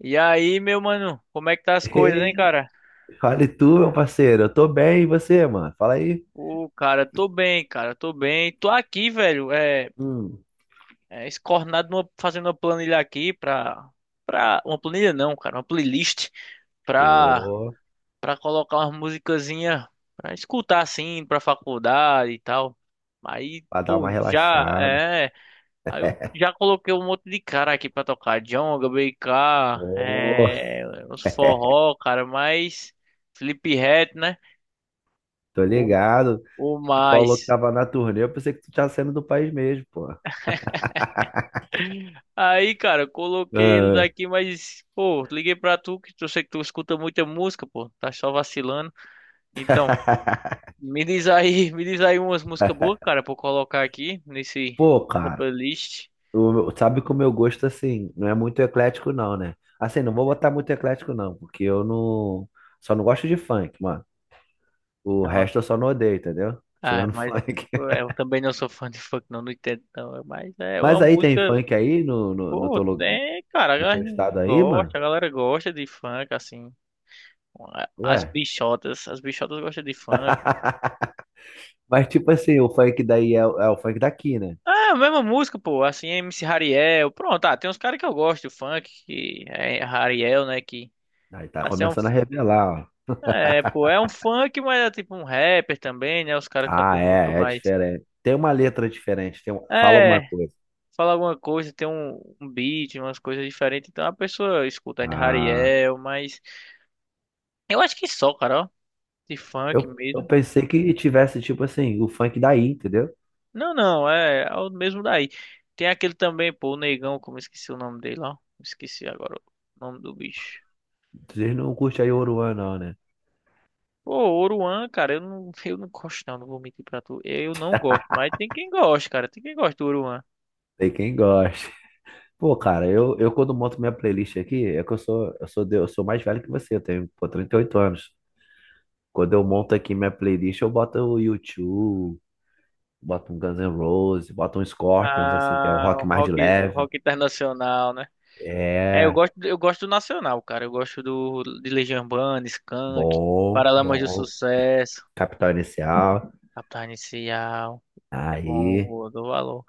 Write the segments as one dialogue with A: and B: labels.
A: E aí, meu mano, como é que tá as coisas, hein,
B: Ei,
A: cara?
B: fale tu, meu parceiro. Eu tô bem, e você, mano? Fala aí.
A: Ô, cara, tô bem, cara, tô bem. Tô aqui, velho,
B: Hum.
A: escornado fazendo uma planilha aqui Uma planilha não, cara, uma playlist pra,
B: Pô,
A: pra colocar umas musicazinha pra escutar, assim, pra faculdade e tal. Aí,
B: pra dar
A: pô,
B: uma
A: já,
B: relaxada.
A: é... Aí eu já coloquei um monte de cara aqui pra tocar. Djonga, BK,
B: Pô,
A: é... os forró, cara, mas... Felipe Ret, né?
B: tô
A: O,
B: ligado.
A: o
B: Tu falou que
A: mais.
B: tava na turnê, eu pensei que tu tinha saindo do país mesmo, pô.
A: Aí, cara, eu coloquei eles
B: Ah.
A: aqui, mas, pô, liguei pra tu, que eu sei que tu escuta muita música, pô, tá só vacilando. Então, me diz aí, me diz aí umas músicas boas, cara, pra eu colocar aqui nesse,
B: Pô,
A: nessa
B: cara,
A: playlist.
B: sabe que o meu gosto, assim, não é muito eclético, não, né? Assim, não vou botar muito eclético, não, porque eu não. Só não gosto de funk, mano. O
A: Não,
B: resto eu só não odeio, entendeu?
A: ah,
B: Tirando
A: mas
B: funk.
A: pô, eu também não sou fã de funk, não, não entendo, não, mas é
B: Mas
A: uma
B: aí tem
A: música,
B: funk aí no
A: pô,
B: teu lugar?
A: tem, cara, a
B: No
A: galera
B: teu estado aí, mano?
A: gosta, a galera gosta de funk, assim, as
B: Ué.
A: bichotas, as bichotas gostam de funk.
B: Mas tipo assim, o funk daí é o funk daqui, né?
A: Ah, a mesma música, pô. Assim, MC Hariel. Pronto, ah, tem uns caras que eu gosto, funk, que é Hariel, né? Que
B: Aí tá
A: assim, é um.
B: começando a revelar, ó.
A: É, pô, é um funk, mas é tipo um rapper também, né? Os caras
B: Ah,
A: cantam música
B: é
A: mais.
B: diferente. Tem uma letra diferente, fala alguma
A: É,
B: coisa.
A: fala alguma coisa, tem um beat, umas coisas diferentes. Então a pessoa escuta ainda
B: Ah,
A: Hariel, mas. Eu acho que só, cara, ó. De funk
B: eu
A: mesmo.
B: pensei que tivesse, tipo assim, o funk daí, entendeu?
A: Não, não, é o mesmo daí. Tem aquele também, pô, o Negão, como eu esqueci o nome dele, ó. Esqueci agora o nome do bicho.
B: Vocês não curtem aí Oruan, não, né?
A: Pô, Oruan, cara, eu não, eu não gosto, não, não vou mentir pra tu. Eu não gosto, mas tem quem gosta, cara. Tem quem gosta do Oruan.
B: Tem quem gosta. Pô, cara, eu quando monto minha playlist aqui, é que eu sou mais velho que você, eu tenho, pô, 38 anos. Quando eu monto aqui minha playlist, eu boto o YouTube, bota um Guns N' Roses, bota um Scorpions, assim, que é o
A: Ah, o
B: rock mais de
A: rock,
B: leve.
A: rock internacional, né? É, eu
B: É,
A: gosto, eu gosto do nacional, cara. Eu gosto de Legião Urbana, Skank,
B: bom,
A: Paralamas do
B: bom.
A: Sucesso,
B: Capital Inicial.
A: Capital Inicial. É
B: Aí,
A: bom, eu dou valor.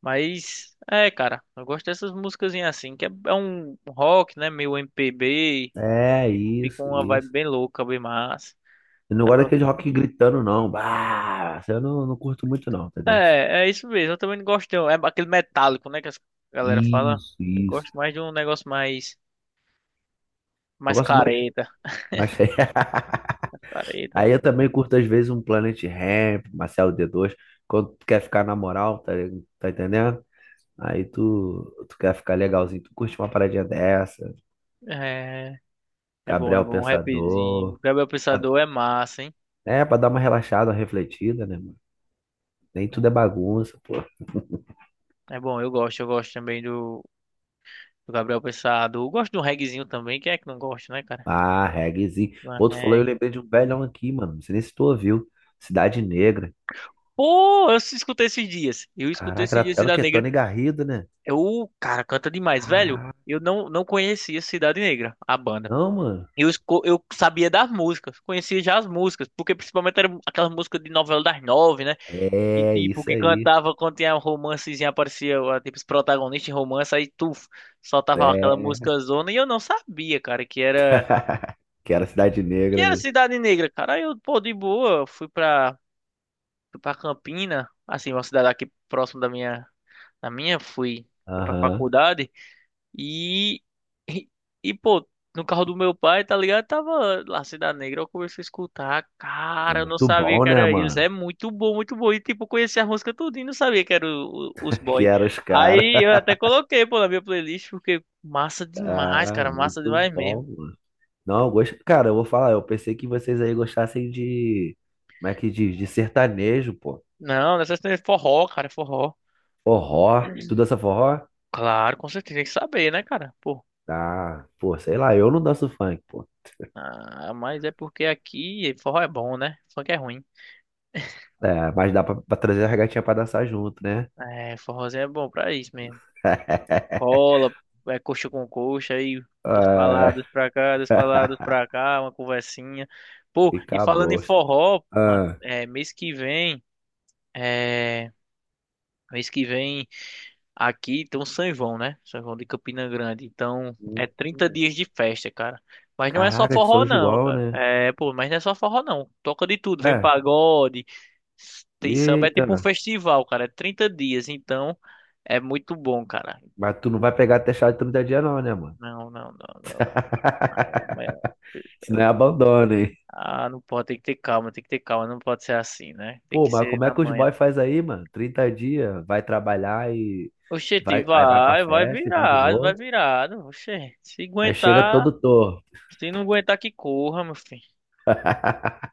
A: Mas, é, cara, eu gosto dessas músicas assim, que é um rock, né? Meio MPB,
B: é
A: e fica
B: isso,
A: uma vibe
B: isso.
A: bem louca, bem massa.
B: Eu não
A: Dá
B: gosto
A: pra você.
B: daquele rock gritando, não. Bah, eu não curto muito, não, entendeu?
A: É, é isso mesmo. Eu também não gosto é aquele metálico, né, que as galera fala.
B: Isso,
A: Eu
B: isso.
A: gosto mais de um negócio mais
B: Eu
A: mais
B: gosto mais,
A: careta,
B: mais...
A: mais careta.
B: Aí eu também curto, às vezes, um Planet Hemp, Marcelo D2, quando tu quer ficar na moral, tá, tá entendendo? Aí tu quer ficar legalzinho, tu curte uma paradinha dessa.
A: É, é bom, é
B: Gabriel
A: bom, um rapzinho. O
B: Pensador.
A: Gabriel
B: Pra-
A: Pensador é massa, hein?
B: É, pra dar uma relaxada, uma refletida, né, mano? Nem tudo é bagunça, pô.
A: É bom, eu gosto também do Gabriel Pensador. Eu gosto de um reggaezinho também, quem é que não gosta, né, cara?
B: Ah, reggaezinho.
A: Uma
B: Pô, tu falou, eu
A: reggae.
B: lembrei de um velhão aqui, mano. Não sei nem se tu ouviu. Cidade Negra.
A: Pô, eu escutei esses dias. Eu escutei
B: Caraca,
A: esses
B: era,
A: dias
B: era o
A: Cidade
B: quê?
A: Negra.
B: Tony Garrido, né?
A: É o cara, canta demais, velho.
B: Caraca.
A: Eu não conhecia Cidade Negra, a banda.
B: Não, mano.
A: Eu sabia das músicas, conhecia já as músicas, porque principalmente era aquelas músicas de novela das nove, né? Que
B: É,
A: tipo,
B: isso
A: que
B: aí.
A: cantava quando tinha um romancezinho, aparecia ó, tipo, os protagonistas em romance, aí tu soltava aquela
B: É.
A: música zona, e eu não sabia, cara, que era
B: Que era Cidade
A: que
B: Negra,
A: era
B: né?
A: Cidade Negra, cara. Aí eu, pô, de boa, fui pra Campina, assim, uma cidade aqui próximo da minha, fui pra
B: Aham.
A: faculdade. E, e, pô, no carro do meu pai, tá ligado? Tava lá Cidade Negra, eu comecei a escutar.
B: É
A: Cara, eu não
B: muito
A: sabia
B: bom,
A: que
B: né,
A: era eles.
B: mano?
A: É muito bom, muito bom. E, tipo, eu conheci a música tudo e não sabia que era os
B: Que
A: boy.
B: era os caras.
A: Aí eu até coloquei, pô, na minha playlist, porque massa demais,
B: Ah,
A: cara. Massa
B: muito
A: demais
B: bom,
A: mesmo.
B: mano. Não, eu gosto. Cara, eu vou falar, eu pensei que vocês aí gostassem de. Como é que diz? De sertanejo, pô.
A: Não, nessas tem forró, cara, forró.
B: Forró. Tu dança forró?
A: Claro, com certeza, tem que saber, né, cara? Pô,
B: Ah, pô, sei lá, eu não danço funk, pô.
A: ah, mas é porque aqui forró é bom, né? Funk é ruim.
B: É, mas dá pra trazer as gatinhas pra dançar junto, né?
A: É, forrozinho é bom pra isso mesmo. Rola, é coxa com coxa, aí das
B: É.
A: paladas pra cá, das paladas pra cá, uma conversinha. Pô, e
B: Fica a
A: falando em
B: bosta.
A: forró, mano,
B: Ah.
A: é mês que vem aqui tem um São João, né? São João de Campina Grande. Então, é 30
B: Hum.
A: dias de festa, cara. Mas não é só
B: Caraca, de São
A: forró não,
B: João,
A: cara.
B: né?
A: É, pô, mas não é só forró não. Toca de tudo, vem
B: É,
A: pagode, tem samba, é tipo um
B: eita,
A: festival, cara. É 30 dias, então é muito bom, cara.
B: mas tu não vai pegar até chá de 30 dias, não, né, mano?
A: Não, não, não, não, não. Ai, amanhã.
B: Senão é abandono.
A: Ah, não pode, tem que ter calma, tem que ter calma, não pode ser assim, né? Tem
B: Pô,
A: que
B: mas
A: ser
B: como é
A: na
B: que os
A: manhã.
B: boys faz aí, mano? 30 dias, vai trabalhar e
A: Oxente,
B: vai, aí vai pra
A: vai, vai
B: festa e vai de
A: virado, vai
B: novo.
A: virado. Oxente, se
B: Aí chega
A: aguentar,
B: todo torto.
A: se não aguentar, que corra, meu filho.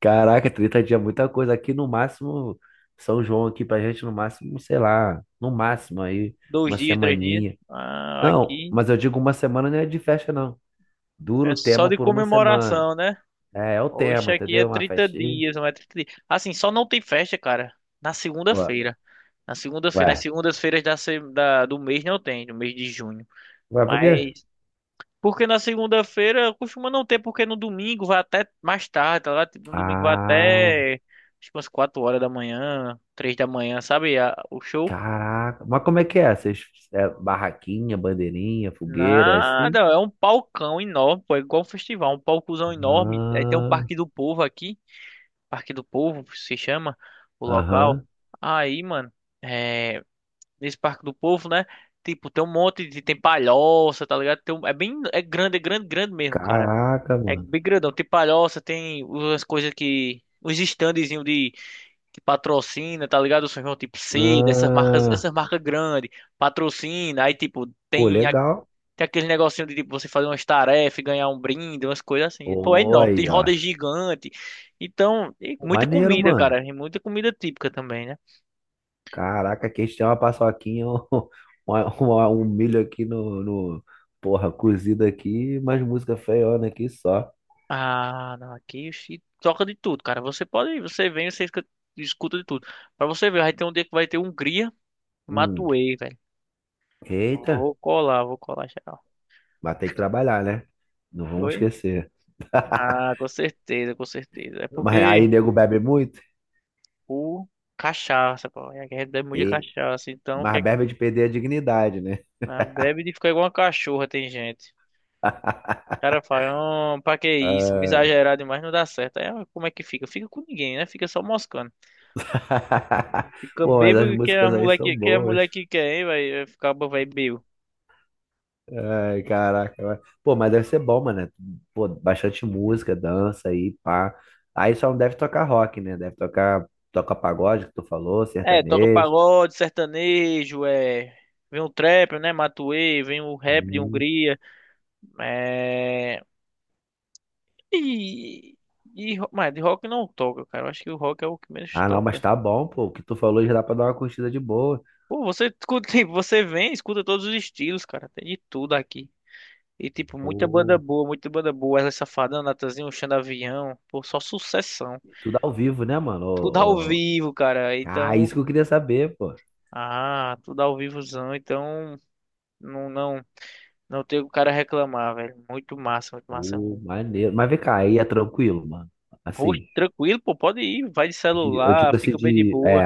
B: Caraca, 30 dias é muita coisa. Aqui no máximo, São João aqui pra gente, no máximo, sei lá, no máximo aí,
A: Dois
B: uma
A: dias, três dias.
B: semaninha.
A: Ah,
B: Não,
A: aqui
B: mas eu digo uma semana não é de festa, não. Dura
A: é
B: o
A: só
B: tema
A: de
B: por uma semana.
A: comemoração, né?
B: É, é o
A: Hoje
B: tema,
A: aqui é
B: entendeu? Uma
A: 30
B: festinha.
A: dias, não é 30 dias. Assim, só não tem festa, cara, na
B: Ué,
A: segunda-feira. Na segunda-feira, nas
B: ué,
A: segundas-feiras da, se- da- do mês não tem, no mês de junho.
B: ué, por quê?
A: Mas Porque na segunda-feira costuma não ter, porque no domingo vai até mais tarde, tá lá? Tipo, no domingo vai
B: Ah.
A: até acho que umas 4 horas da manhã, 3 da manhã, sabe? O show.
B: Caraca. Mas como é que é? Vocês, é barraquinha, bandeirinha, fogueira, é
A: Nada,
B: assim?
A: é um palcão enorme, pô, é igual um festival, um palcozão enorme. Aí tem um
B: Ah,
A: Parque do Povo aqui, Parque do Povo se chama o local.
B: aham.
A: Aí, mano, é, nesse Parque do Povo, né? Tipo, tem palhoça, tá ligado? É bem, é grande, grande mesmo, cara.
B: Caraca,
A: É
B: mano.
A: bem grandão. Tem palhoça, tem umas coisas que. Os standzinhos de que patrocina, tá ligado? O São João tipo C, dessas marcas,
B: Ah,
A: essas marcas grandes, patrocina, aí tipo,
B: pô,
A: tem,
B: legal.
A: tem aquele negocinho de tipo você fazer umas tarefas, e ganhar um brinde, umas coisas assim. Pô, é
B: Pô,
A: enorme, tem
B: aí, ó.
A: rodas gigante. Então, e
B: Pô,
A: muita
B: maneiro,
A: comida,
B: mano.
A: cara. E muita comida típica também, né?
B: Caraca, aqui a gente tem uma paçoquinha, um, um milho aqui Porra, cozido aqui, mais música feiona aqui só.
A: Ah, não, aqui se toca de tudo, cara. Você pode, você vem, você escuta de tudo. Pra você ver, vai ter um dia que vai ter Hungria.
B: Hum.
A: Matuê, velho.
B: Eita,
A: Vou colar geral.
B: vai ter que trabalhar, né? Não vamos
A: Oi?
B: esquecer.
A: Ah, com certeza, com certeza. É
B: Mas aí,
A: porque
B: nego bebe muito?
A: o cachaça, pô, é que a gente bebe muito cachaça, então
B: Mas
A: quer,
B: Berba de perder a dignidade, né?
A: bebe de ficar igual uma cachorra, tem gente.
B: Ah.
A: O cara fala, "Ah, pra que isso? Me exagerar demais não dá certo. Aí, como é que fica? Fica com ninguém, né? Fica só moscando. Fica
B: Pô, mas as
A: bêbado que é a
B: músicas aí
A: mulher
B: são
A: que é a
B: boas.
A: mulher que quer, hein? Vai ficar, vai bêbado.
B: Ai, caraca. Pô, mas deve ser bom, mano, né? Pô, bastante música, dança aí, pá. Aí só não deve tocar rock, né? Deve tocar, toca pagode, que tu falou,
A: É, toca
B: sertanejo.
A: pagode, sertanejo, é. Vem o trap, né? Matuê, vem o rap de
B: Hum.
A: Hungria. É. E, mas de rock não toca, cara. Eu acho que o rock é o que menos
B: Ah, não, mas
A: toca.
B: tá bom, pô. O que tu falou já dá pra dar uma curtida de boa.
A: Pô, você escuta, tipo, você vem, escuta todos os estilos, cara. Tem de tudo aqui. E tipo, muita banda
B: Pô,
A: boa, muita banda boa. Ela Safadão, Natanzinho, Xandavião. Pô, só sucessão.
B: tudo ao vivo, né, mano?
A: Tudo ao
B: Ô, ô.
A: vivo, cara.
B: Ah,
A: Então,
B: isso que eu queria saber, pô.
A: tudo ao vivozão. Então, não, não, não tem o cara reclamar, velho. Muito massa, muito massa.
B: Pô,
A: Mesmo.
B: maneiro. Mas vem cá, aí é tranquilo, mano.
A: Rosto
B: Assim.
A: tranquilo, pô, pode ir. Vai de
B: De, eu
A: celular,
B: digo assim
A: fica bem de
B: de.
A: boa.
B: É.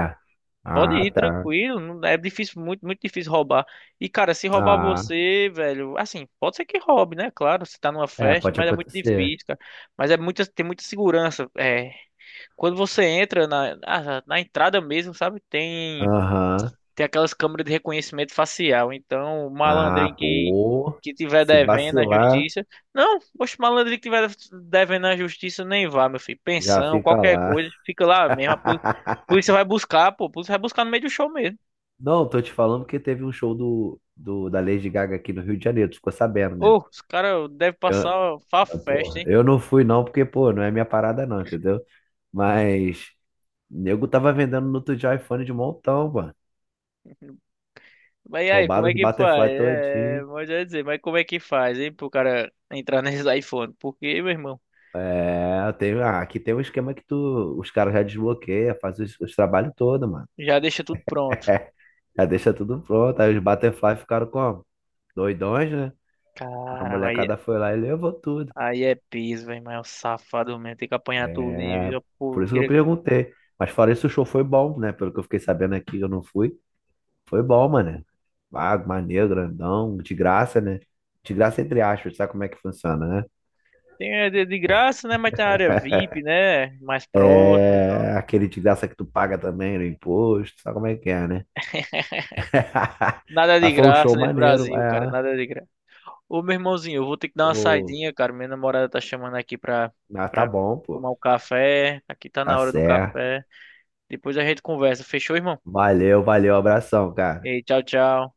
A: Pode
B: Ah,
A: ir
B: tá.
A: tranquilo, é difícil, muito, muito difícil roubar. E cara, se roubar
B: Ah,
A: você, velho, assim, pode ser que roube, né? Claro, você tá numa
B: é,
A: festa,
B: pode
A: mas é muito
B: acontecer.
A: difícil, cara. Mas é muita, tem muita segurança. É, quando você entra na entrada mesmo, sabe? Tem
B: Aham.
A: tem aquelas câmeras de reconhecimento facial. Então, o
B: Ah,
A: malandrinho que,
B: pô.
A: que tiver
B: Se
A: devendo à
B: vacilar,
A: justiça. Não, poxa, o malandrinho que tiver devendo à justiça nem vá, meu filho.
B: já
A: Pensão,
B: fica
A: qualquer
B: lá.
A: coisa, fica lá mesmo. A poli- polícia vai buscar, pô. A polícia vai buscar no meio do show mesmo.
B: Não, tô te falando que teve um show do, da Lady Gaga aqui no Rio de Janeiro, tu ficou sabendo, né?
A: Ô, os caras devem passar fa
B: Eu,
A: festa,
B: porra,
A: hein?
B: eu não fui não, porque, pô, não é minha parada não, entendeu? Mas, nego tava vendendo no outro dia iPhone de montão, mano.
A: Mas e aí, como
B: Roubaram
A: é
B: os
A: que faz?
B: Butterfly
A: É,
B: todinho.
A: mas eu ia dizer, mas como é que faz, hein, pro cara entrar nesses iPhone? Porque, meu irmão,
B: É, aqui tem um esquema que tu, os caras já desbloqueia, faz os trabalhos todos, mano.
A: já deixa tudo pronto.
B: Já deixa tudo pronto. Aí os Butterfly ficaram como? Doidões, né? A
A: Cara,
B: molecada foi lá e levou tudo.
A: aí é piso, velho, mas é um safado mesmo. Tem que apanhar tudo, hein?
B: É,
A: Viu? Pô,
B: por
A: eu
B: isso que eu
A: queria...
B: perguntei. Mas fora isso, o show foi bom, né? Pelo que eu fiquei sabendo aqui, eu não fui. Foi bom, mano. Vago, maneiro, grandão, de graça, né? De graça entre aspas, sabe como é que funciona, né?
A: Tem é de graça, né? Mas tem a área VIP, né? Mais próximo, então...
B: É, aquele de graça que tu paga também no imposto, sabe como é que é, né?
A: Nada de
B: Mas foi um
A: graça
B: show
A: nesse
B: maneiro,
A: Brasil, cara.
B: é.
A: Nada de graça. Ô, meu irmãozinho, eu vou ter que dar uma
B: O.
A: saidinha, cara. Minha namorada tá chamando aqui pra,
B: Ah, tá
A: pra
B: bom, pô.
A: tomar um café. Aqui tá
B: Tá
A: na hora do
B: certo.
A: café. Depois a gente conversa. Fechou, irmão?
B: Valeu, valeu, abração, cara.
A: Ei, tchau, tchau.